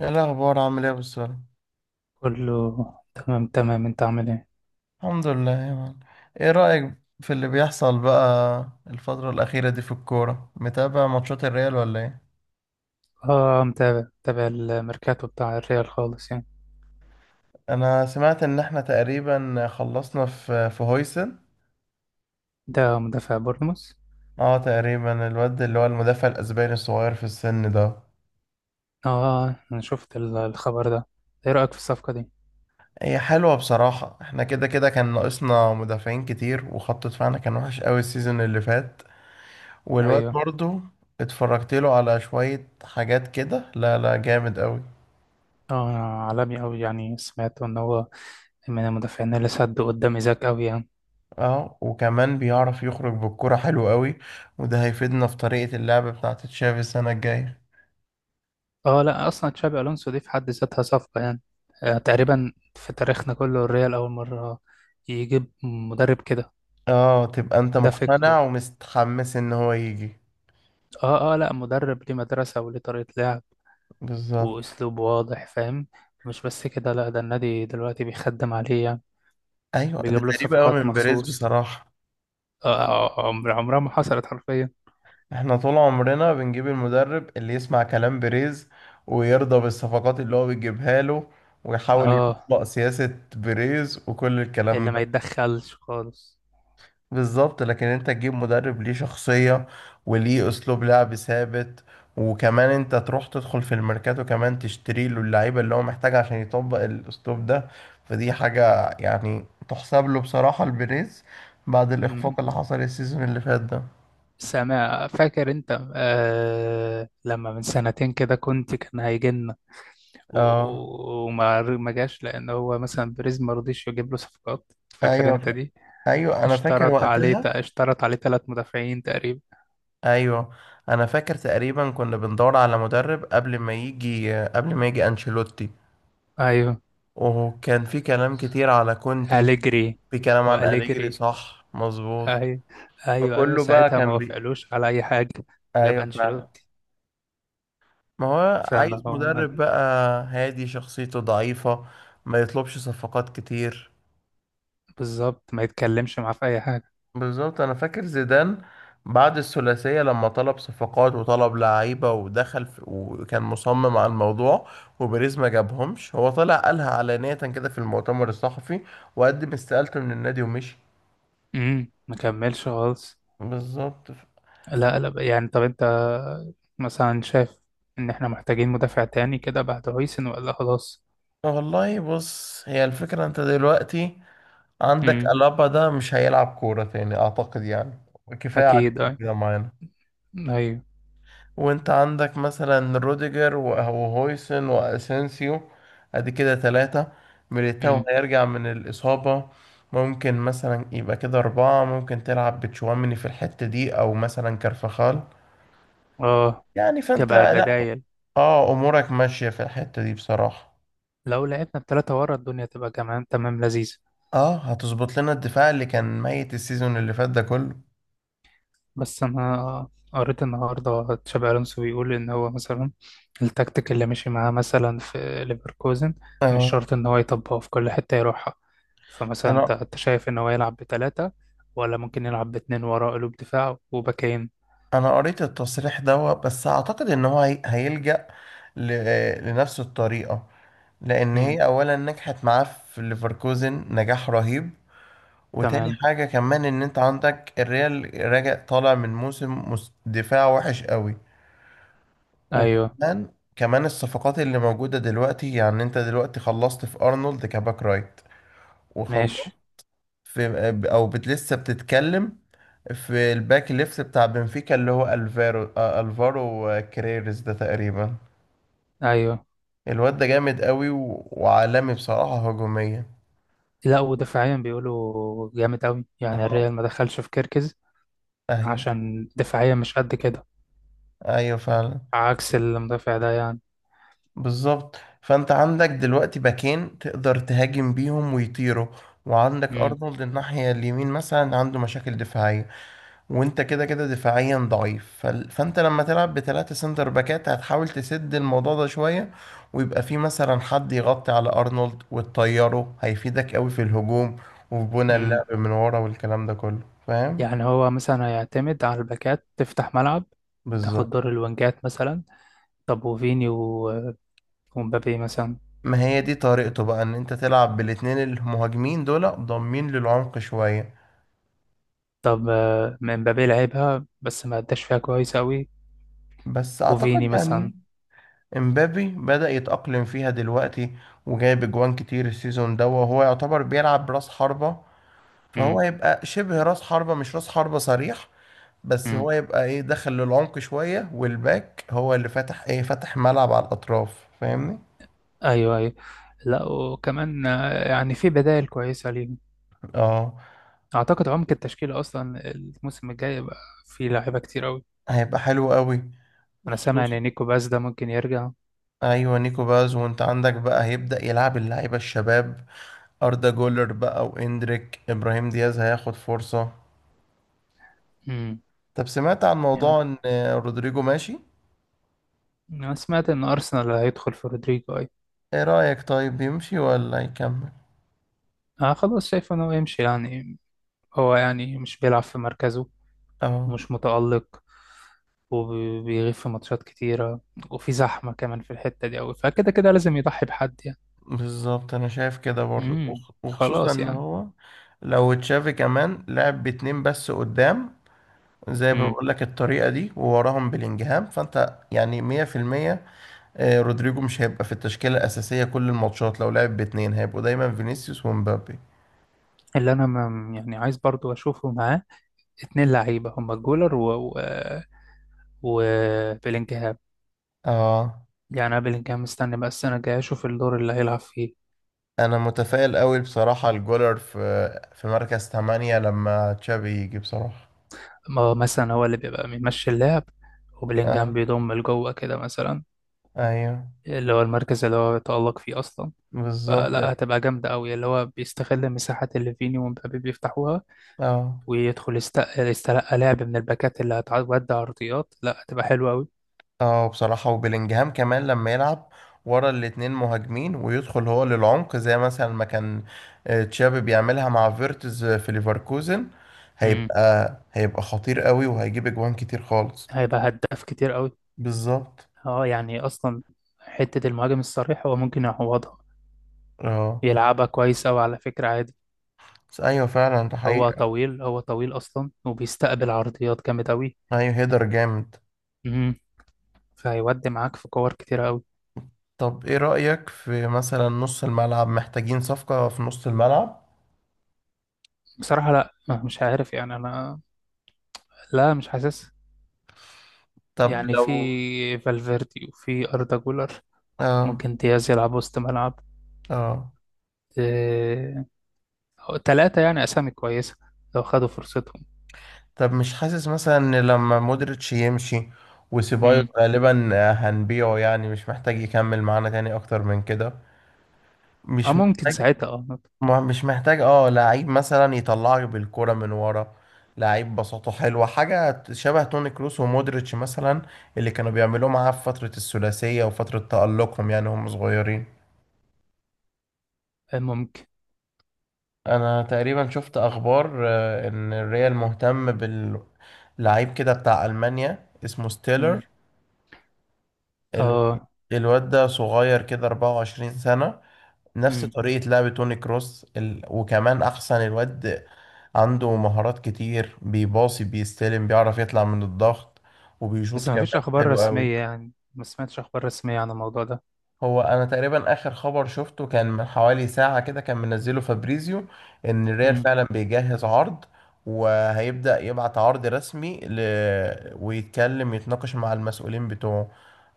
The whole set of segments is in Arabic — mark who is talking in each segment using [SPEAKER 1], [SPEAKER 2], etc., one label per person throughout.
[SPEAKER 1] ايه الاخبار؟ عامل ايه يا أبو السلام؟
[SPEAKER 2] كله تمام تمام انت عامل ايه؟
[SPEAKER 1] الحمد لله يا مان. ايه رايك في اللي بيحصل بقى الفتره الاخيره دي في الكوره؟ متابع ماتشات الريال ولا ايه؟
[SPEAKER 2] اه، متابع متابع الميركاتو بتاع الريال خالص يعني.
[SPEAKER 1] انا سمعت ان احنا تقريبا خلصنا في هويسن.
[SPEAKER 2] ده مدافع بورنموث.
[SPEAKER 1] اه تقريبا الواد اللي هو المدافع الاسباني الصغير في السن ده.
[SPEAKER 2] اه، انا شفت الخبر ده. ايه رأيك في الصفقة دي؟
[SPEAKER 1] هي حلوه بصراحه، احنا كده كده كان ناقصنا مدافعين كتير، وخط دفاعنا كان وحش قوي السيزون اللي فات. والواد
[SPEAKER 2] ايوه.
[SPEAKER 1] برضو اتفرجت له على شويه حاجات كده، لا لا جامد قوي.
[SPEAKER 2] اه، عالمي اوي يعني سمعت ان هو من المدافعين اللي سدوا قدام ايزاك اوي يعني.
[SPEAKER 1] اه وكمان بيعرف يخرج بالكرة حلو قوي، وده هيفيدنا في طريقة اللعب بتاعة تشافي السنة الجاية.
[SPEAKER 2] اه، لا، اصلا تشابي الونسو دي في حد ذاتها صفقة يعني. آه تقريبا في تاريخنا كله الريال اول مرة يجيب مدرب كده.
[SPEAKER 1] اه تبقى انت
[SPEAKER 2] ده
[SPEAKER 1] مقتنع
[SPEAKER 2] فكره.
[SPEAKER 1] ومستحمس ان هو يجي؟
[SPEAKER 2] اه، اه، لا، مدرب ليه مدرسة وليه طريقة لعب
[SPEAKER 1] بالظبط.
[SPEAKER 2] وأسلوب واضح فاهم. مش بس كده، لا، ده النادي دلوقتي بيخدم عليه يعني.
[SPEAKER 1] ايوه دي
[SPEAKER 2] بيجيب له
[SPEAKER 1] غريبة قوي
[SPEAKER 2] صفقات
[SPEAKER 1] من بيريز
[SPEAKER 2] مخصوص.
[SPEAKER 1] بصراحة.
[SPEAKER 2] عمر عمرها ما حصلت حرفيا.
[SPEAKER 1] احنا طول عمرنا بنجيب المدرب اللي يسمع كلام بيريز، ويرضى بالصفقات اللي هو بيجيبها له، ويحاول
[SPEAKER 2] اه،
[SPEAKER 1] يطبق سياسة بيريز وكل
[SPEAKER 2] اللي
[SPEAKER 1] الكلام
[SPEAKER 2] ما
[SPEAKER 1] ده.
[SPEAKER 2] يتدخلش خالص.
[SPEAKER 1] بالظبط، لكن انت تجيب مدرب ليه شخصية وليه اسلوب لعب ثابت، وكمان انت تروح تدخل في الميركاتو كمان تشتري له اللعيبة اللي هو محتاجها عشان يطبق الاسلوب ده. فدي حاجة يعني تحسب له بصراحة البريز بعد
[SPEAKER 2] مم.
[SPEAKER 1] الاخفاق اللي حصل السيزون اللي فات ده.
[SPEAKER 2] سامع فاكر انت لما من سنتين كده كان هيجي لنا.
[SPEAKER 1] اه.
[SPEAKER 2] وما ما جاش لان هو مثلا بريز ما رضيش يجيب له صفقات، فاكر انت
[SPEAKER 1] ايوه.
[SPEAKER 2] دي؟
[SPEAKER 1] ايوه انا فاكر وقتها.
[SPEAKER 2] اشترط عليه ثلاث مدافعين تقريبا.
[SPEAKER 1] ايوه انا فاكر تقريبا كنا بندور على مدرب قبل ما يجي انشيلوتي.
[SPEAKER 2] ايوه.
[SPEAKER 1] وكان في كلام كتير على كونتي.
[SPEAKER 2] أليجري
[SPEAKER 1] في كلام عن أليجري
[SPEAKER 2] وأليجري.
[SPEAKER 1] صح مظبوط.
[SPEAKER 2] أي... ايوه، ايوه،
[SPEAKER 1] فكله بقى
[SPEAKER 2] ساعتها ما
[SPEAKER 1] كان بي.
[SPEAKER 2] وافقلوش على اي حاجه. جاب
[SPEAKER 1] أيوه فعلا.
[SPEAKER 2] انشيلوتي.
[SPEAKER 1] ما هو عايز
[SPEAKER 2] فانه.
[SPEAKER 1] مدرب بقى هادي، شخصيته ضعيفة، ما يطلبش صفقات كتير.
[SPEAKER 2] بالظبط ما يتكلمش معاه في اي حاجه.
[SPEAKER 1] بالظبط. أنا فاكر زيدان بعد الثلاثية لما طلب صفقات وطلب لعيبة ودخل في وكان مصمم على الموضوع، وبيريز ما جابهمش. هو طلع قالها علانية كده في المؤتمر الصحفي، وقدم استقالته من النادي ومشي.
[SPEAKER 2] ما كملش خالص.
[SPEAKER 1] بالظبط.
[SPEAKER 2] لا، لا، يعني طب انت مثلا شايف ان احنا محتاجين مدافع تاني كده بعد هويسن ولا خلاص؟
[SPEAKER 1] والله بص، هي الفكرة انت دلوقتي عندك
[SPEAKER 2] امم،
[SPEAKER 1] ألابا ده مش هيلعب كورة تاني أعتقد يعني. كفاية عليه
[SPEAKER 2] اكيد، اي،
[SPEAKER 1] كده معانا.
[SPEAKER 2] ايوه،
[SPEAKER 1] وانت عندك مثلا روديجر وهويسن وأسينسيو. ادي كده ثلاثة. ميليتاو
[SPEAKER 2] امم،
[SPEAKER 1] هيرجع من الإصابة. ممكن مثلا يبقى كده أربعة. ممكن تلعب بتشواميني في الحتة دي أو مثلا كارفخال.
[SPEAKER 2] اه،
[SPEAKER 1] يعني فانت لا،
[SPEAKER 2] كبدايل.
[SPEAKER 1] اه أمورك ماشية في الحتة دي بصراحة.
[SPEAKER 2] لو لعبنا التلاتة ورا الدنيا تبقى كمان تمام لذيذة.
[SPEAKER 1] اه هتظبط لنا الدفاع اللي كان ميت السيزون اللي فات ده كله.
[SPEAKER 2] بس انا قريت النهارده تشابي الونسو بيقول ان هو مثلا التكتيك اللي مشي معاه مثلا في ليفركوزن مش
[SPEAKER 1] اه.
[SPEAKER 2] شرط ان هو يطبقه في كل حته يروحها. فمثلا انت
[SPEAKER 1] انا
[SPEAKER 2] أنت شايف ان هو يلعب بثلاثه ولا ممكن يلعب باتنين وراه قلوب دفاع وباكين؟
[SPEAKER 1] انا قريت التصريح ده، بس اعتقد ان هو هيلجأ لنفس الطريقة، لان
[SPEAKER 2] امم،
[SPEAKER 1] هي اولا نجحت معاه في ليفركوزن نجاح رهيب. وتاني
[SPEAKER 2] تمام،
[SPEAKER 1] حاجة كمان ان انت عندك الريال راجع طالع من موسم دفاع وحش قوي.
[SPEAKER 2] ايوه،
[SPEAKER 1] وكمان كمان الصفقات اللي موجودة دلوقتي يعني انت دلوقتي خلصت في ارنولد كباك رايت، وخلصت
[SPEAKER 2] ماشي،
[SPEAKER 1] في، او بت لسه بتتكلم، في الباك ليفت بتاع بنفيكا اللي هو الفارو، الفارو كريرز ده تقريبا.
[SPEAKER 2] ايوه.
[SPEAKER 1] الواد ده جامد قوي، و... وعالمي بصراحة هجوميا.
[SPEAKER 2] لا، ودفاعيا بيقولوا جامد قوي يعني
[SPEAKER 1] اهو.
[SPEAKER 2] الريال ما دخلش في كيركز
[SPEAKER 1] ايوه.
[SPEAKER 2] عشان دفاعيا مش قد كده،
[SPEAKER 1] ايوه فعلا.
[SPEAKER 2] عكس المدافع ده يعني.
[SPEAKER 1] بالظبط. فانت عندك دلوقتي باكين تقدر تهاجم بيهم ويطيروا، وعندك ارنولد الناحية اليمين مثلا عنده مشاكل دفاعية، وانت كده كده دفاعيا ضعيف. فانت لما تلعب بثلاثة سنتر باكات هتحاول تسد الموضوع ده شوية، ويبقى في مثلا حد يغطي على ارنولد وتطيره هيفيدك قوي في الهجوم، وفي بنى
[SPEAKER 2] امم
[SPEAKER 1] اللعب من ورا والكلام ده كله. فاهم.
[SPEAKER 2] يعني هو مثلا هيعتمد على الباكات تفتح ملعب، تاخد
[SPEAKER 1] بالظبط.
[SPEAKER 2] دور الوينجات مثلا. طب وفيني ومبابي مثلا؟
[SPEAKER 1] ما هي دي طريقته بقى ان انت تلعب بالاتنين المهاجمين دول ضامين للعمق شوية.
[SPEAKER 2] طب، مبابي لعبها بس ما اداش فيها كويس قوي.
[SPEAKER 1] بس اعتقد
[SPEAKER 2] وفيني مثلا.
[SPEAKER 1] يعني امبابي بدأ يتأقلم فيها دلوقتي، وجايب اجوان كتير السيزون ده، وهو يعتبر بيلعب براس حربة.
[SPEAKER 2] امم،
[SPEAKER 1] فهو يبقى شبه راس حربة، مش راس حربة صريح. بس
[SPEAKER 2] امم،
[SPEAKER 1] هو يبقى ايه، دخل للعمق شوية، والباك هو اللي فتح ايه، فتح ملعب على الأطراف. فاهمني.
[SPEAKER 2] ايوه، ايوه. لا، وكمان يعني في بدائل كويسه ليهم.
[SPEAKER 1] اه
[SPEAKER 2] اعتقد عمق التشكيله اصلا الموسم الجاي يبقى في لعيبه كتير قوي.
[SPEAKER 1] هيبقى حلو قوي،
[SPEAKER 2] انا سامع
[SPEAKER 1] وخصوصا.
[SPEAKER 2] ان نيكو باس ده ممكن يرجع.
[SPEAKER 1] ايوه نيكو باز، وانت عندك بقى هيبدأ يلعب اللعيبة الشباب، أردا جولر بقى، واندريك، إبراهيم دياز هياخد فرصة.
[SPEAKER 2] امم
[SPEAKER 1] طب سمعت عن
[SPEAKER 2] يعني
[SPEAKER 1] موضوع ان رودريجو ماشي؟
[SPEAKER 2] انا سمعت ان ارسنال هيدخل في رودريجو اي.
[SPEAKER 1] ايه رأيك، طيب يمشي ولا يكمل؟
[SPEAKER 2] آه، خلاص شايف انه يمشي يعني. هو يعني مش بيلعب في مركزه،
[SPEAKER 1] اه.
[SPEAKER 2] ومش متألق، وبيغيب في ماتشات كتيرة، وفي زحمة كمان في الحتة دي أوي، فكده كده لازم يضحي بحد يعني.
[SPEAKER 1] بالظبط انا شايف كده برضو،
[SPEAKER 2] امم،
[SPEAKER 1] وخصوصا
[SPEAKER 2] خلاص
[SPEAKER 1] ان
[SPEAKER 2] يعني.
[SPEAKER 1] هو، لو تشافي كمان لعب باتنين بس قدام زي ما
[SPEAKER 2] امم،
[SPEAKER 1] بقول لك الطريقة دي، ووراهم بلينجهام، فانت يعني 100%. رودريجو مش هيبقى في التشكيلة الأساسية كل الماتشات. لو لعب باتنين هيبقوا دايما فينيسيوس ومبابي.
[SPEAKER 2] اللي أنا ما يعني عايز برضو أشوفه معاه اتنين لعيبة، هما جولر و و وبيلينجهام.
[SPEAKER 1] اه
[SPEAKER 2] يعني أنا بيلينجهام مستني بقى السنة الجاية أشوف الدور اللي هيلعب فيه.
[SPEAKER 1] انا متفائل قوي بصراحة الجولر في في مركز 8 لما تشافي يجي بصراحة.
[SPEAKER 2] ما مثلا هو اللي بيبقى بيمشي اللعب، وبيلينجهام
[SPEAKER 1] اه
[SPEAKER 2] بيضم لجوه كده مثلا،
[SPEAKER 1] ايوه
[SPEAKER 2] اللي هو المركز اللي هو يتألق فيه أصلا.
[SPEAKER 1] بالظبط.
[SPEAKER 2] فلا، هتبقى جامدة أوي، اللي هو بيستغل مساحات اللي فيني ومبابي بيفتحوها
[SPEAKER 1] اه
[SPEAKER 2] ويدخل يستلقى لعب من الباكات اللي هتعدي عرضيات، لا هتبقى حلوة أوي.
[SPEAKER 1] اه. بصراحة وبيلينجهام كمان لما يلعب ورا الاتنين مهاجمين ويدخل هو للعمق زي مثلا ما كان تشابي بيعملها مع فيرتز في ليفركوزن،
[SPEAKER 2] امم
[SPEAKER 1] هيبقى هيبقى خطير قوي وهيجيب اجوان كتير خالص.
[SPEAKER 2] هيبقى هداف كتير أوي.
[SPEAKER 1] بالظبط.
[SPEAKER 2] اه، يعني أصلا حتة المهاجم الصريح هو ممكن يعوضها،
[SPEAKER 1] اه.
[SPEAKER 2] يلعبها كويس أوي على فكرة عادي.
[SPEAKER 1] بس ايوه فعلا ده
[SPEAKER 2] هو
[SPEAKER 1] حقيقة.
[SPEAKER 2] طويل، هو طويل أصلا وبيستقبل عرضيات جامد أوي.
[SPEAKER 1] ايوه هيدر جامد.
[SPEAKER 2] امم فهيودي معاك في كور كتير أوي.
[SPEAKER 1] طب ايه رأيك في مثلا نص الملعب؟ محتاجين صفقة في نص الملعب؟
[SPEAKER 2] بصراحة لا. مش عارف يعني أنا. لا، مش حاسس.
[SPEAKER 1] طب
[SPEAKER 2] يعني
[SPEAKER 1] لو،
[SPEAKER 2] في فالفيردي وفي أردا جولر،
[SPEAKER 1] اه
[SPEAKER 2] ممكن دياز يلعب وسط ملعب.
[SPEAKER 1] اه.
[SPEAKER 2] آه، تلاتة يعني أسامي كويسة لو خدوا فرصتهم.
[SPEAKER 1] طب مش حاسس مثلا ان لما مودريتش يمشي، وسيبايوس
[SPEAKER 2] مم.
[SPEAKER 1] غالبا هنبيعه، يعني مش محتاج يكمل معانا تاني اكتر من كده.
[SPEAKER 2] اه،
[SPEAKER 1] مش
[SPEAKER 2] ممكن
[SPEAKER 1] محتاج.
[SPEAKER 2] ساعتها.
[SPEAKER 1] مش محتاج، اه، لعيب مثلا يطلعك بالكرة من ورا. لعيب بساطته حلوة، حاجة شبه توني كروس ومودريتش مثلا، اللي كانوا بيعملوه معاه في فترة الثلاثية وفترة تألقهم يعني هم صغيرين.
[SPEAKER 2] آه، ممكن.
[SPEAKER 1] انا تقريبا شفت اخبار، ان الريال مهتم بال، لعيب كده بتاع ألمانيا اسمه
[SPEAKER 2] مم.
[SPEAKER 1] ستيلر. الو-
[SPEAKER 2] اه،
[SPEAKER 1] الواد ده صغير كده، 24 سنة. نفس
[SPEAKER 2] مم.
[SPEAKER 1] طريقة لعب توني كروس، ال... وكمان أحسن الواد عنده مهارات كتير، بيباصي بيستلم بيعرف يطلع من الضغط، وبيشوط
[SPEAKER 2] بس ما فيش
[SPEAKER 1] كمان
[SPEAKER 2] أخبار
[SPEAKER 1] حلو قوي.
[SPEAKER 2] رسمية، يعني ما سمعتش أخبار رسمية عن الموضوع ده.
[SPEAKER 1] هو انا تقريبا اخر خبر شفته كان من حوالي ساعة كده، كان منزله فابريزيو ان الريال
[SPEAKER 2] مم.
[SPEAKER 1] فعلا بيجهز عرض، وهيبدأ يبعت عرض رسمي، ل... ويتكلم يتناقش مع المسؤولين بتوعه،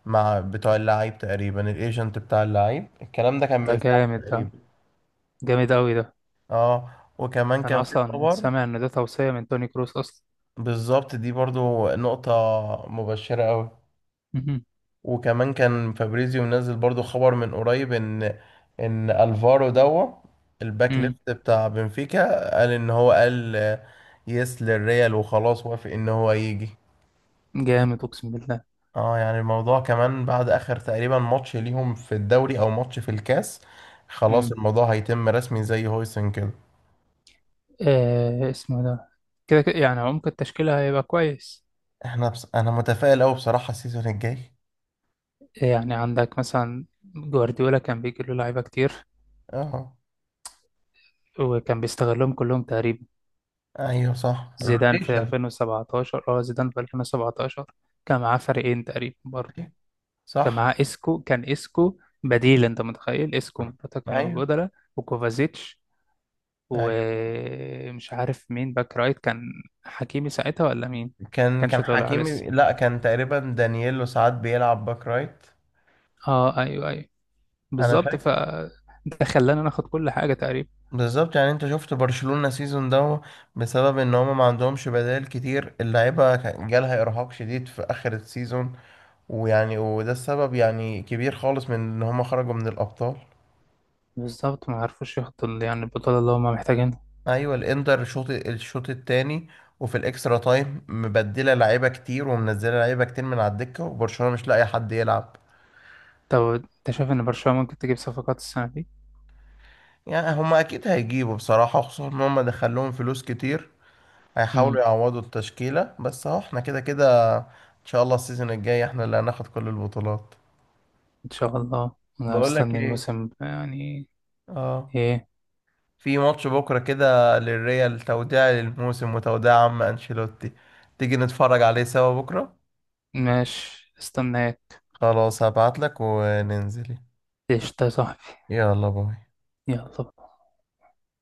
[SPEAKER 1] مع بتوع اللعيب تقريبا الايجنت بتاع اللعيب. الكلام ده كان
[SPEAKER 2] ده
[SPEAKER 1] من ساعة
[SPEAKER 2] جامد، ده
[SPEAKER 1] تقريبا.
[SPEAKER 2] جامد أوي ده.
[SPEAKER 1] اه. وكمان كان
[SPEAKER 2] أنا
[SPEAKER 1] في
[SPEAKER 2] أصلا
[SPEAKER 1] خبر.
[SPEAKER 2] سامع إن ده توصية من توني كروس أصلا.
[SPEAKER 1] بالظبط دي برضو نقطة مبشرة قوي.
[SPEAKER 2] مم.
[SPEAKER 1] وكمان كان فابريزيو منزل برضو خبر من قريب ان، ان الفارو دوا الباك
[SPEAKER 2] مم.
[SPEAKER 1] ليفت بتاع بنفيكا، قال ان هو قال يس للريال، وخلاص وافق ان هو يجي.
[SPEAKER 2] جامد أقسم بالله.
[SPEAKER 1] اه يعني الموضوع كمان بعد اخر تقريبا ماتش ليهم في الدوري او ماتش في الكاس، خلاص
[SPEAKER 2] مم.
[SPEAKER 1] الموضوع هيتم رسمي زي هويسن كده.
[SPEAKER 2] آه، اسمه ده. كده كده يعني عمق التشكيلة هيبقى كويس.
[SPEAKER 1] احنا بس انا متفائل قوي بصراحة السيزون الجاي.
[SPEAKER 2] يعني عندك مثلا جوارديولا كان بيجي له لعيبة كتير
[SPEAKER 1] اه.
[SPEAKER 2] وكان بيستغلهم كلهم تقريبا.
[SPEAKER 1] ايوه صح
[SPEAKER 2] زيدان في
[SPEAKER 1] روتيشن.
[SPEAKER 2] 2017، زيدان في 2017 كان معاه فريقين تقريبا برضه. كان
[SPEAKER 1] صح.
[SPEAKER 2] معاه اسكو، كان اسكو بديل، انت متخيل؟ اسكو ومراته كانوا
[SPEAKER 1] ايوه.
[SPEAKER 2] بدلة، وكوفازيتش، ومش عارف مين باك رايت كان، حكيمي ساعتها ولا مين؟
[SPEAKER 1] كان
[SPEAKER 2] كانش
[SPEAKER 1] كان
[SPEAKER 2] طالع لسه.
[SPEAKER 1] حكيمي، لا كان تقريبا دانييلو ساعات بيلعب باك رايت.
[SPEAKER 2] اه، ايوه، ايوه.
[SPEAKER 1] انا
[SPEAKER 2] بالظبط، ف
[SPEAKER 1] فاكر.
[SPEAKER 2] ده خلانا ناخد كل حاجة تقريبا.
[SPEAKER 1] بالظبط. يعني انت شفت برشلونة سيزون ده، بسبب ان هما ما عندهمش بدائل كتير، اللعيبة كان جالها ارهاق شديد في اخر السيزون. ويعني وده السبب يعني كبير خالص من ان هما خرجوا من الابطال.
[SPEAKER 2] بالظبط، ما عرفوش ياخدوا يعني البطولة اللي هما محتاجين.
[SPEAKER 1] ايوه الانتر، الشوط التاني وفي الاكسترا تايم مبدله لعيبه كتير ومنزله لعيبه كتير من على الدكه، وبرشلونه مش لاقي حد يلعب.
[SPEAKER 2] طب انت شايف ان برشلونة ممكن تجيب صفقات السنة دي؟
[SPEAKER 1] يعني هما اكيد هيجيبوا بصراحه، خصوصا ان هما دخلهم فلوس كتير، هيحاولوا
[SPEAKER 2] امم
[SPEAKER 1] يعوضوا التشكيلة. بس اهو احنا كده كده ان شاء الله السيزون الجاي احنا اللي هناخد كل البطولات.
[SPEAKER 2] ان شاء الله انا
[SPEAKER 1] بقول لك
[SPEAKER 2] مستني
[SPEAKER 1] ايه.
[SPEAKER 2] الموسم يعني.
[SPEAKER 1] اه.
[SPEAKER 2] ايه.
[SPEAKER 1] في ماتش بكرة كده للريال، توديع للموسم وتوديع عم انشيلوتي، تيجي نتفرج عليه سوا بكرة؟
[SPEAKER 2] ماشي، استناك.
[SPEAKER 1] خلاص هبعت لك وننزل.
[SPEAKER 2] ايش ده يا صاحبي؟
[SPEAKER 1] يلا باي.
[SPEAKER 2] يلا.